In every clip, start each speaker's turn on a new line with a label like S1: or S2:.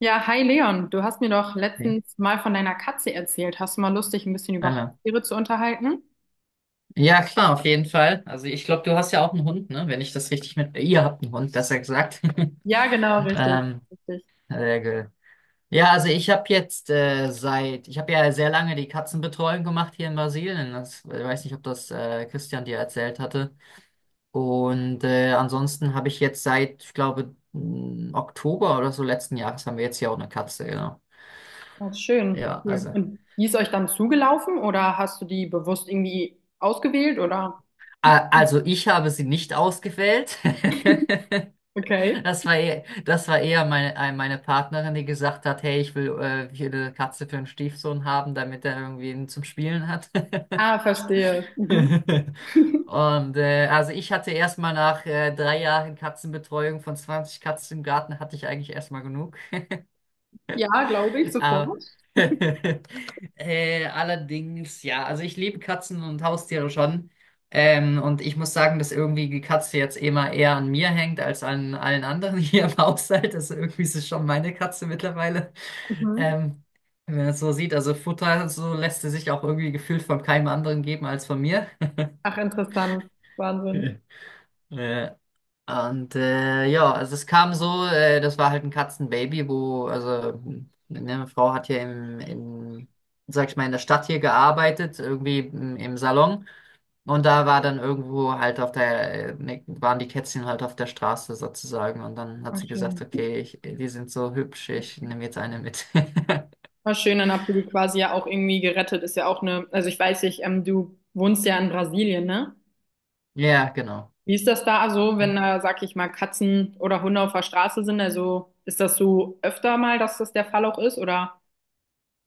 S1: Ja, hi Leon, du hast mir doch
S2: Okay.
S1: letztens mal von deiner Katze erzählt. Hast du mal Lust, dich ein bisschen über
S2: Anna.
S1: Haustiere zu unterhalten?
S2: Ja, klar, auf jeden Fall. Also ich glaube, du hast ja auch einen Hund, ne? Wenn ich das richtig mit. Ihr habt einen Hund, besser gesagt.
S1: Ja, genau, richtig,
S2: Ähm,
S1: richtig.
S2: Sehr gut. Ja, also ich habe jetzt seit. Ich habe ja sehr lange die Katzenbetreuung gemacht hier in Brasilien. Das, ich weiß nicht, ob das Christian dir erzählt hatte. Und ansonsten habe ich jetzt seit, ich glaube, Oktober oder so letzten Jahres haben wir jetzt hier auch eine Katze, genau.
S1: Ja, schön,
S2: Ja,
S1: cool.
S2: also...
S1: Und die ist euch dann zugelaufen oder hast du die bewusst irgendwie ausgewählt oder?
S2: A- Also ich habe sie nicht ausgewählt.
S1: Okay.
S2: Das war eher meine Partnerin, die gesagt hat, hey, ich will eine Katze für einen Stiefsohn haben, damit er irgendwie ihn zum Spielen hat.
S1: Ah, verstehe. Mhm.
S2: Und also ich hatte erstmal nach 3 Jahren Katzenbetreuung von 20 Katzen im Garten, hatte ich eigentlich erstmal genug.
S1: Ja, glaube ich,
S2: Aber
S1: sofort.
S2: allerdings, ja, also ich liebe Katzen und Haustiere schon. Und ich muss sagen, dass irgendwie die Katze jetzt immer eher an mir hängt als an allen anderen hier im Haushalt. Also irgendwie ist es schon meine Katze mittlerweile.
S1: Mhm.
S2: Ähm, Wenn man es so sieht, also Futter, so lässt sie sich auch irgendwie gefühlt von keinem anderen geben als von mir.
S1: Ach, interessant. Wahnsinn.
S2: Äh, Und ja, also es kam so, das war halt ein Katzenbaby, wo, also ne, meine Frau hat hier sag ich mal, in der Stadt hier gearbeitet, irgendwie im Salon. Und da war dann irgendwo halt auf der, ne, waren die Kätzchen halt auf der Straße sozusagen. Und dann hat
S1: Ah,
S2: sie gesagt,
S1: schön.
S2: okay, ich, die sind so hübsch, ich nehme jetzt eine mit.
S1: War schön, dann habt ihr die quasi ja auch irgendwie gerettet. Ist ja auch eine, also ich weiß nicht, du wohnst ja in Brasilien, ne?
S2: Ja, genau.
S1: Wie ist das da so,
S2: Ja.
S1: wenn da, sag ich mal, Katzen oder Hunde auf der Straße sind? Also ist das so öfter mal, dass das der Fall auch ist, oder?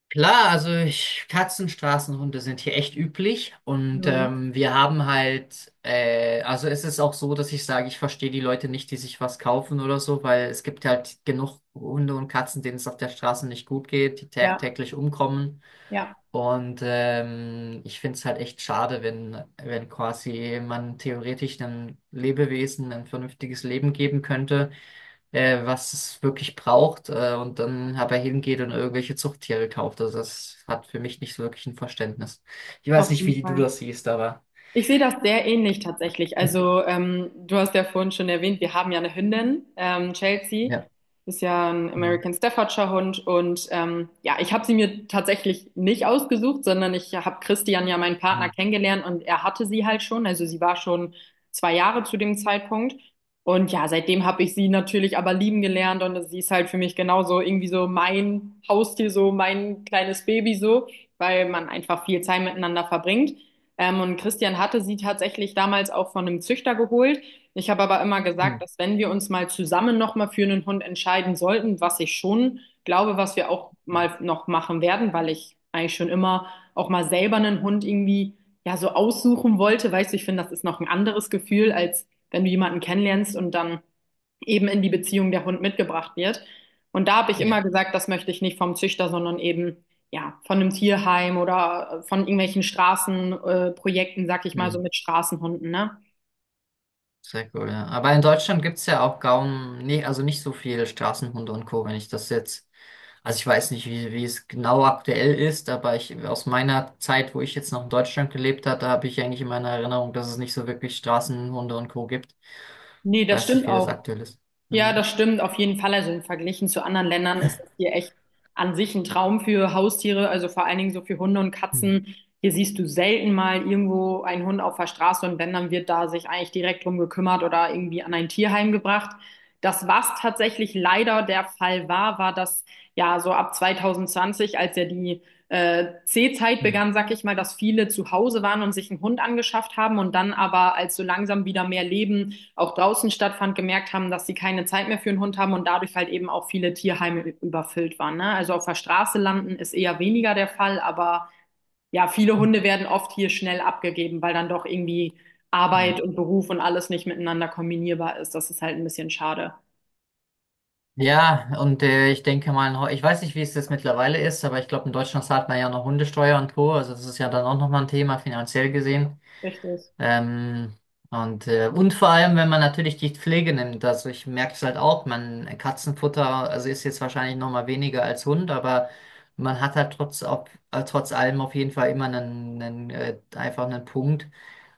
S2: Klar, also ich, Katzen, Straßenhunde sind hier echt üblich und
S1: Mhm.
S2: wir haben halt, also es ist auch so, dass ich sage, ich verstehe die Leute nicht, die sich was kaufen oder so, weil es gibt halt genug Hunde und Katzen, denen es auf der Straße nicht gut geht, die
S1: Ja,
S2: tagtäglich umkommen
S1: ja,
S2: und ich finde es halt echt schade, wenn quasi man theoretisch einem Lebewesen ein vernünftiges Leben geben könnte was es wirklich braucht, und dann aber hingeht und irgendwelche Zuchttiere kauft. Also das hat für mich nicht so wirklich ein Verständnis. Ich weiß
S1: auf
S2: nicht,
S1: jeden
S2: wie du
S1: Fall.
S2: das siehst, aber
S1: Ich sehe das sehr ähnlich tatsächlich. Also, du hast ja vorhin schon erwähnt, wir haben ja eine Hündin, Chelsea.
S2: ja.
S1: Ist ja ein
S2: Hm,
S1: American Staffordshire Hund. Und ja, ich habe sie mir tatsächlich nicht ausgesucht, sondern ich habe Christian, ja meinen Partner,
S2: hm,
S1: kennengelernt und er hatte sie halt schon. Also sie war schon 2 Jahre zu dem Zeitpunkt. Und ja, seitdem habe ich sie natürlich aber lieben gelernt und sie ist halt für mich genauso irgendwie so mein Haustier, so mein kleines Baby so, weil man einfach viel Zeit miteinander verbringt. Und Christian hatte sie tatsächlich damals auch von einem Züchter geholt. Ich habe aber immer
S2: hm,
S1: gesagt, dass, wenn wir uns mal zusammen nochmal für einen Hund entscheiden sollten, was ich schon glaube, was wir auch
S2: hm.
S1: mal noch machen werden, weil ich eigentlich schon immer auch mal selber einen Hund irgendwie ja so aussuchen wollte. Weißt du, ich finde, das ist noch ein anderes Gefühl, als wenn du jemanden kennenlernst und dann eben in die Beziehung der Hund mitgebracht wird. Und da habe ich immer
S2: Ja,
S1: gesagt, das möchte ich nicht vom Züchter, sondern eben ja von einem Tierheim oder von irgendwelchen Straßenprojekten, Projekten, sag ich mal, so
S2: hm.
S1: mit Straßenhunden, ne?
S2: Sehr cool, ja. Aber in Deutschland gibt es ja auch kaum, nee, also nicht so viele Straßenhunde und Co., wenn ich das jetzt. Also ich weiß nicht, wie es genau aktuell ist, aber ich, aus meiner Zeit, wo ich jetzt noch in Deutschland gelebt hatte, habe ich eigentlich in meiner Erinnerung, dass es nicht so wirklich Straßenhunde und Co. gibt.
S1: Nee,
S2: Ich
S1: das
S2: weiß nicht,
S1: stimmt
S2: wie das
S1: auch.
S2: aktuell ist.
S1: Ja,
S2: Ja.
S1: das stimmt auf jeden Fall. Also im Verglichen zu anderen Ländern ist das hier echt an sich ein Traum für Haustiere, also vor allen Dingen so für Hunde und
S2: Hm,
S1: Katzen. Hier siehst du selten mal irgendwo einen Hund auf der Straße und wenn, dann wird da sich eigentlich direkt drum gekümmert oder irgendwie an ein Tierheim gebracht. Das, was tatsächlich leider der Fall war, war, dass ja so ab 2020, als ja die C-Zeit
S2: hm,
S1: begann, sag ich mal, dass viele zu Hause waren und sich einen Hund angeschafft haben und dann aber, als so langsam wieder mehr Leben auch draußen stattfand, gemerkt haben, dass sie keine Zeit mehr für einen Hund haben und dadurch halt eben auch viele Tierheime überfüllt waren. Ne? Also auf der Straße landen ist eher weniger der Fall, aber ja, viele
S2: hm.
S1: Hunde werden oft hier schnell abgegeben, weil dann doch irgendwie
S2: Ja,
S1: Arbeit und Beruf und alles nicht miteinander kombinierbar ist. Das ist halt ein bisschen schade.
S2: ja, und ich denke mal, in ich weiß nicht, wie es jetzt mittlerweile ist, aber ich glaube, in Deutschland zahlt man ja noch Hundesteuer und Co. Also das ist ja dann auch nochmal ein Thema finanziell gesehen.
S1: Richtig.
S2: Ähm, und, und vor allem, wenn man natürlich die Pflege nimmt, also ich merke es halt auch, man Katzenfutter, also ist jetzt wahrscheinlich noch mal weniger als Hund, aber man hat halt trotz allem auf jeden Fall immer einen, einfach einen Punkt,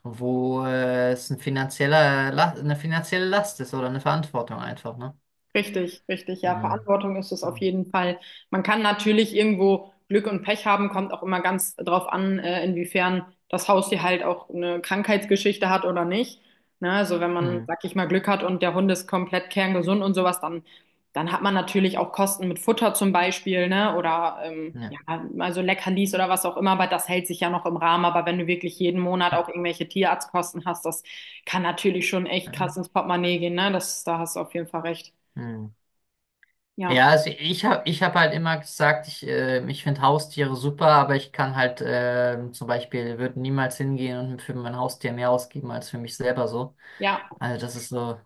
S2: wo es eine finanzielle Last ist oder eine Verantwortung einfach, ne?
S1: Richtig, richtig. Ja,
S2: Ja.
S1: Verantwortung ist es auf
S2: Hm.
S1: jeden Fall. Man kann natürlich irgendwo Glück und Pech haben, kommt auch immer ganz drauf an, inwiefern das Haustier halt auch eine Krankheitsgeschichte hat oder nicht. Ne, also wenn man,
S2: Hm.
S1: sag ich mal, Glück hat und der Hund ist komplett kerngesund und sowas, dann, dann hat man natürlich auch Kosten mit Futter zum Beispiel, ne? Oder
S2: Ja.
S1: ja, also Leckerlis oder was auch immer, aber das hält sich ja noch im Rahmen. Aber wenn du wirklich jeden Monat auch irgendwelche Tierarztkosten hast, das kann natürlich schon echt krass ins Portemonnaie gehen, ne? Das, da hast du auf jeden Fall recht.
S2: Hm.
S1: Ja,
S2: Ja, also ich habe ich hab halt immer gesagt, ich, ich finde Haustiere super, aber ich kann halt zum Beispiel, würde niemals hingehen und für mein Haustier mehr ausgeben als für mich selber so.
S1: ja,
S2: Also das ist so,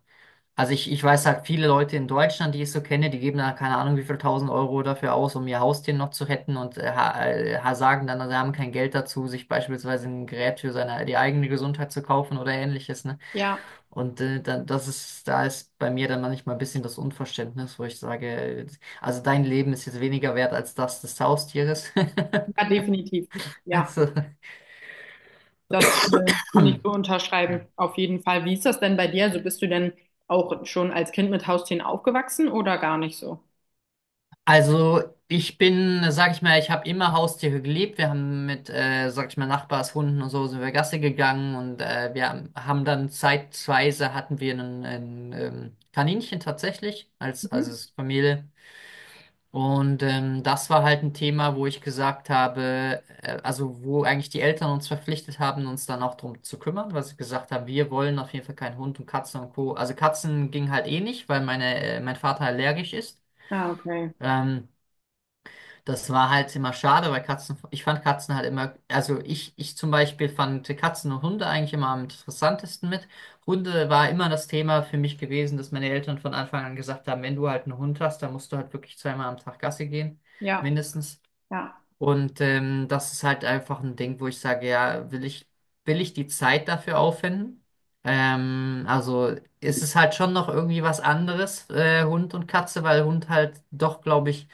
S2: also ich weiß halt viele Leute in Deutschland, die ich so kenne, die geben da keine Ahnung wie viel tausend Euro dafür aus, um ihr Haustier noch zu retten und sagen dann, sie haben kein Geld dazu, sich beispielsweise ein Gerät für seine, die eigene Gesundheit zu kaufen oder ähnliches, ne?
S1: ja,
S2: Und dann, das ist, da ist bei mir dann manchmal ein bisschen das Unverständnis, wo ich sage, also dein Leben ist jetzt weniger wert als das des Haustieres.
S1: ja, definitiv. Ja,
S2: Also,
S1: das kann ich so
S2: ja.
S1: unterschreiben, auf jeden Fall. Wie ist das denn bei dir? Also bist du denn auch schon als Kind mit Haustieren aufgewachsen oder gar nicht so?
S2: Also ich bin, sag ich mal, ich habe immer Haustiere geliebt. Wir haben mit, sag ich mal, Nachbarshunden und so sind wir Gassi gegangen und wir haben dann zeitweise hatten wir einen, Kaninchen tatsächlich als,
S1: Mhm.
S2: als Familie. Und das war halt ein Thema, wo ich gesagt habe, also wo eigentlich die Eltern uns verpflichtet haben, uns dann auch drum zu kümmern, weil sie gesagt haben, wir wollen auf jeden Fall keinen Hund und Katzen und Co. Also Katzen ging halt eh nicht, weil meine, mein Vater allergisch ist.
S1: Ah, okay.
S2: Ähm, Das war halt immer schade, weil Katzen, ich fand Katzen halt immer, also ich zum Beispiel fand Katzen und Hunde eigentlich immer am interessantesten mit. Hunde war immer das Thema für mich gewesen, dass meine Eltern von Anfang an gesagt haben, wenn du halt einen Hund hast, dann musst du halt wirklich zweimal am Tag Gassi gehen,
S1: Ja,
S2: mindestens.
S1: ja,
S2: Und das ist halt einfach ein Ding, wo ich sage, ja, will ich die Zeit dafür aufwenden? Also ist es halt schon noch irgendwie was anderes, Hund und Katze, weil Hund halt doch, glaube ich,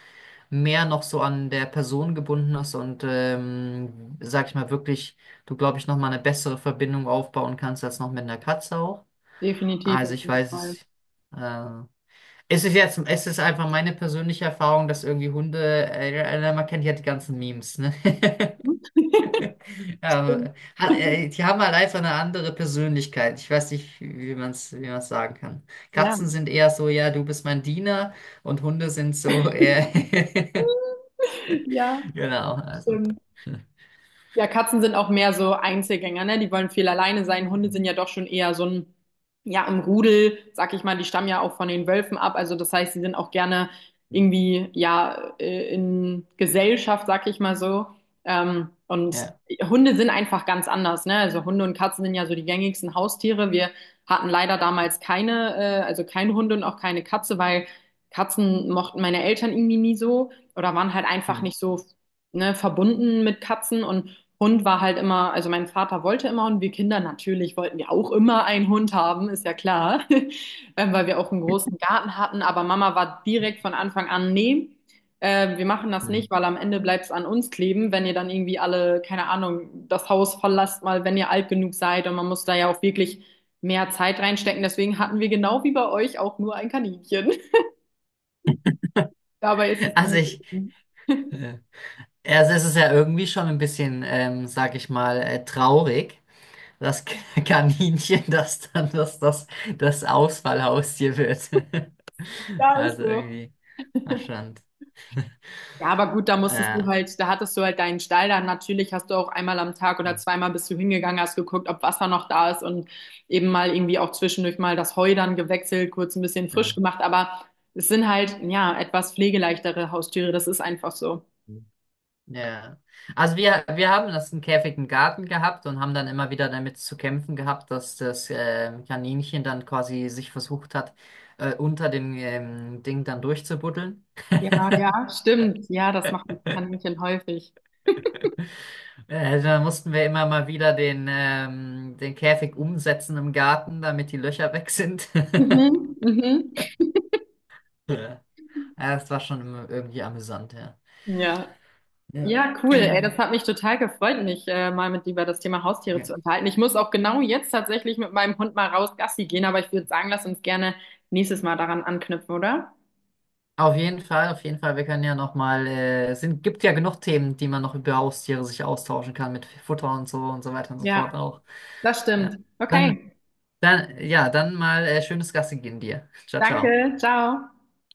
S2: mehr noch so an der Person gebunden ist und, sag ich mal, wirklich, du, glaube ich, nochmal eine bessere Verbindung aufbauen kannst als noch mit einer Katze auch.
S1: definitiv
S2: Also
S1: auf
S2: ich
S1: jeden
S2: weiß
S1: Fall.
S2: es, äh, es ist einfach meine persönliche Erfahrung, dass irgendwie Hunde, man kennt ja die ganzen Memes, ne?
S1: Stimmt.
S2: Aber, die haben halt einfach eine andere Persönlichkeit. Ich weiß nicht, wie man es sagen kann.
S1: Ja,
S2: Katzen sind eher so, ja, du bist mein Diener und Hunde sind so eher,
S1: ja,
S2: genau, also,
S1: stimmt. Ja, Katzen sind auch mehr so Einzelgänger, ne? Die wollen viel alleine sein. Hunde sind ja doch schon eher so ein, ja, im Rudel, sag ich mal, die stammen ja auch von den Wölfen ab. Also das heißt, sie sind auch gerne irgendwie, ja, in Gesellschaft, sag ich mal so. Und
S2: ja.
S1: Hunde sind einfach ganz anders, ne? Also Hunde und Katzen sind ja so die gängigsten Haustiere. Wir hatten leider damals keine, also keinen Hund und auch keine Katze, weil Katzen mochten meine Eltern irgendwie nie so oder waren halt einfach nicht so, ne, verbunden mit Katzen, und Hund war halt immer, also mein Vater wollte immer und wir Kinder natürlich wollten ja auch immer einen Hund haben, ist ja klar, weil wir auch einen großen Garten hatten. Aber Mama war direkt von Anfang an, nee, wir machen das
S2: Hm.
S1: nicht, weil am Ende bleibt es an uns kleben, wenn ihr dann irgendwie alle, keine Ahnung, das Haus verlasst mal, wenn ihr alt genug seid, und man muss da ja auch wirklich mehr Zeit reinstecken. Deswegen hatten wir genau wie bei euch auch nur ein Kaninchen. Dabei ist es dann
S2: Also ich,
S1: gewesen.
S2: äh, also es ist ja irgendwie schon ein bisschen, sag ich mal, traurig, dass Kaninchen das dann, dass das Ausfallhaustier wird.
S1: Ja, ist
S2: Also
S1: so.
S2: irgendwie, ach schon.
S1: Ja, aber gut, da musstest du
S2: Ja.
S1: halt, da hattest du halt deinen Stall, dann natürlich hast du auch einmal am Tag oder
S2: Hm.
S1: zweimal bist du hingegangen, hast geguckt, ob Wasser noch da ist und eben mal irgendwie auch zwischendurch mal das Heu dann gewechselt, kurz ein bisschen frisch
S2: Ja.
S1: gemacht, aber es sind halt, ja, etwas pflegeleichtere Haustiere, das ist einfach so.
S2: Ja. Also wir haben das einen Käfig im Garten gehabt und haben dann immer wieder damit zu kämpfen gehabt, dass das Kaninchen dann quasi sich versucht hat, unter dem Ding dann durchzubuddeln.
S1: Ja, ja, stimmt. Ja, das macht ein Kaninchen häufig.
S2: Da mussten wir immer mal wieder den, den Käfig umsetzen im Garten, damit die Löcher weg sind.
S1: Mhm, mhm.
S2: Ja, das war schon immer irgendwie amüsant, ja.
S1: Ja.
S2: Ja.
S1: Ja, cool. Ey, das hat mich total gefreut, mich mal mit dir über das Thema Haustiere
S2: Ja.
S1: zu unterhalten. Ich muss auch genau jetzt tatsächlich mit meinem Hund mal raus Gassi gehen, aber ich würde sagen, lass uns gerne nächstes Mal daran anknüpfen, oder?
S2: Auf jeden Fall, auf jeden Fall. Wir können ja noch mal, es sind, gibt ja genug Themen, die man noch über Haustiere sich austauschen kann mit Futter und so weiter und so
S1: Ja,
S2: fort auch.
S1: das
S2: Ja.
S1: stimmt.
S2: Dann,
S1: Okay,
S2: ja, dann mal schönes Gassi gehen dir. Ciao, ciao.
S1: danke. Ciao.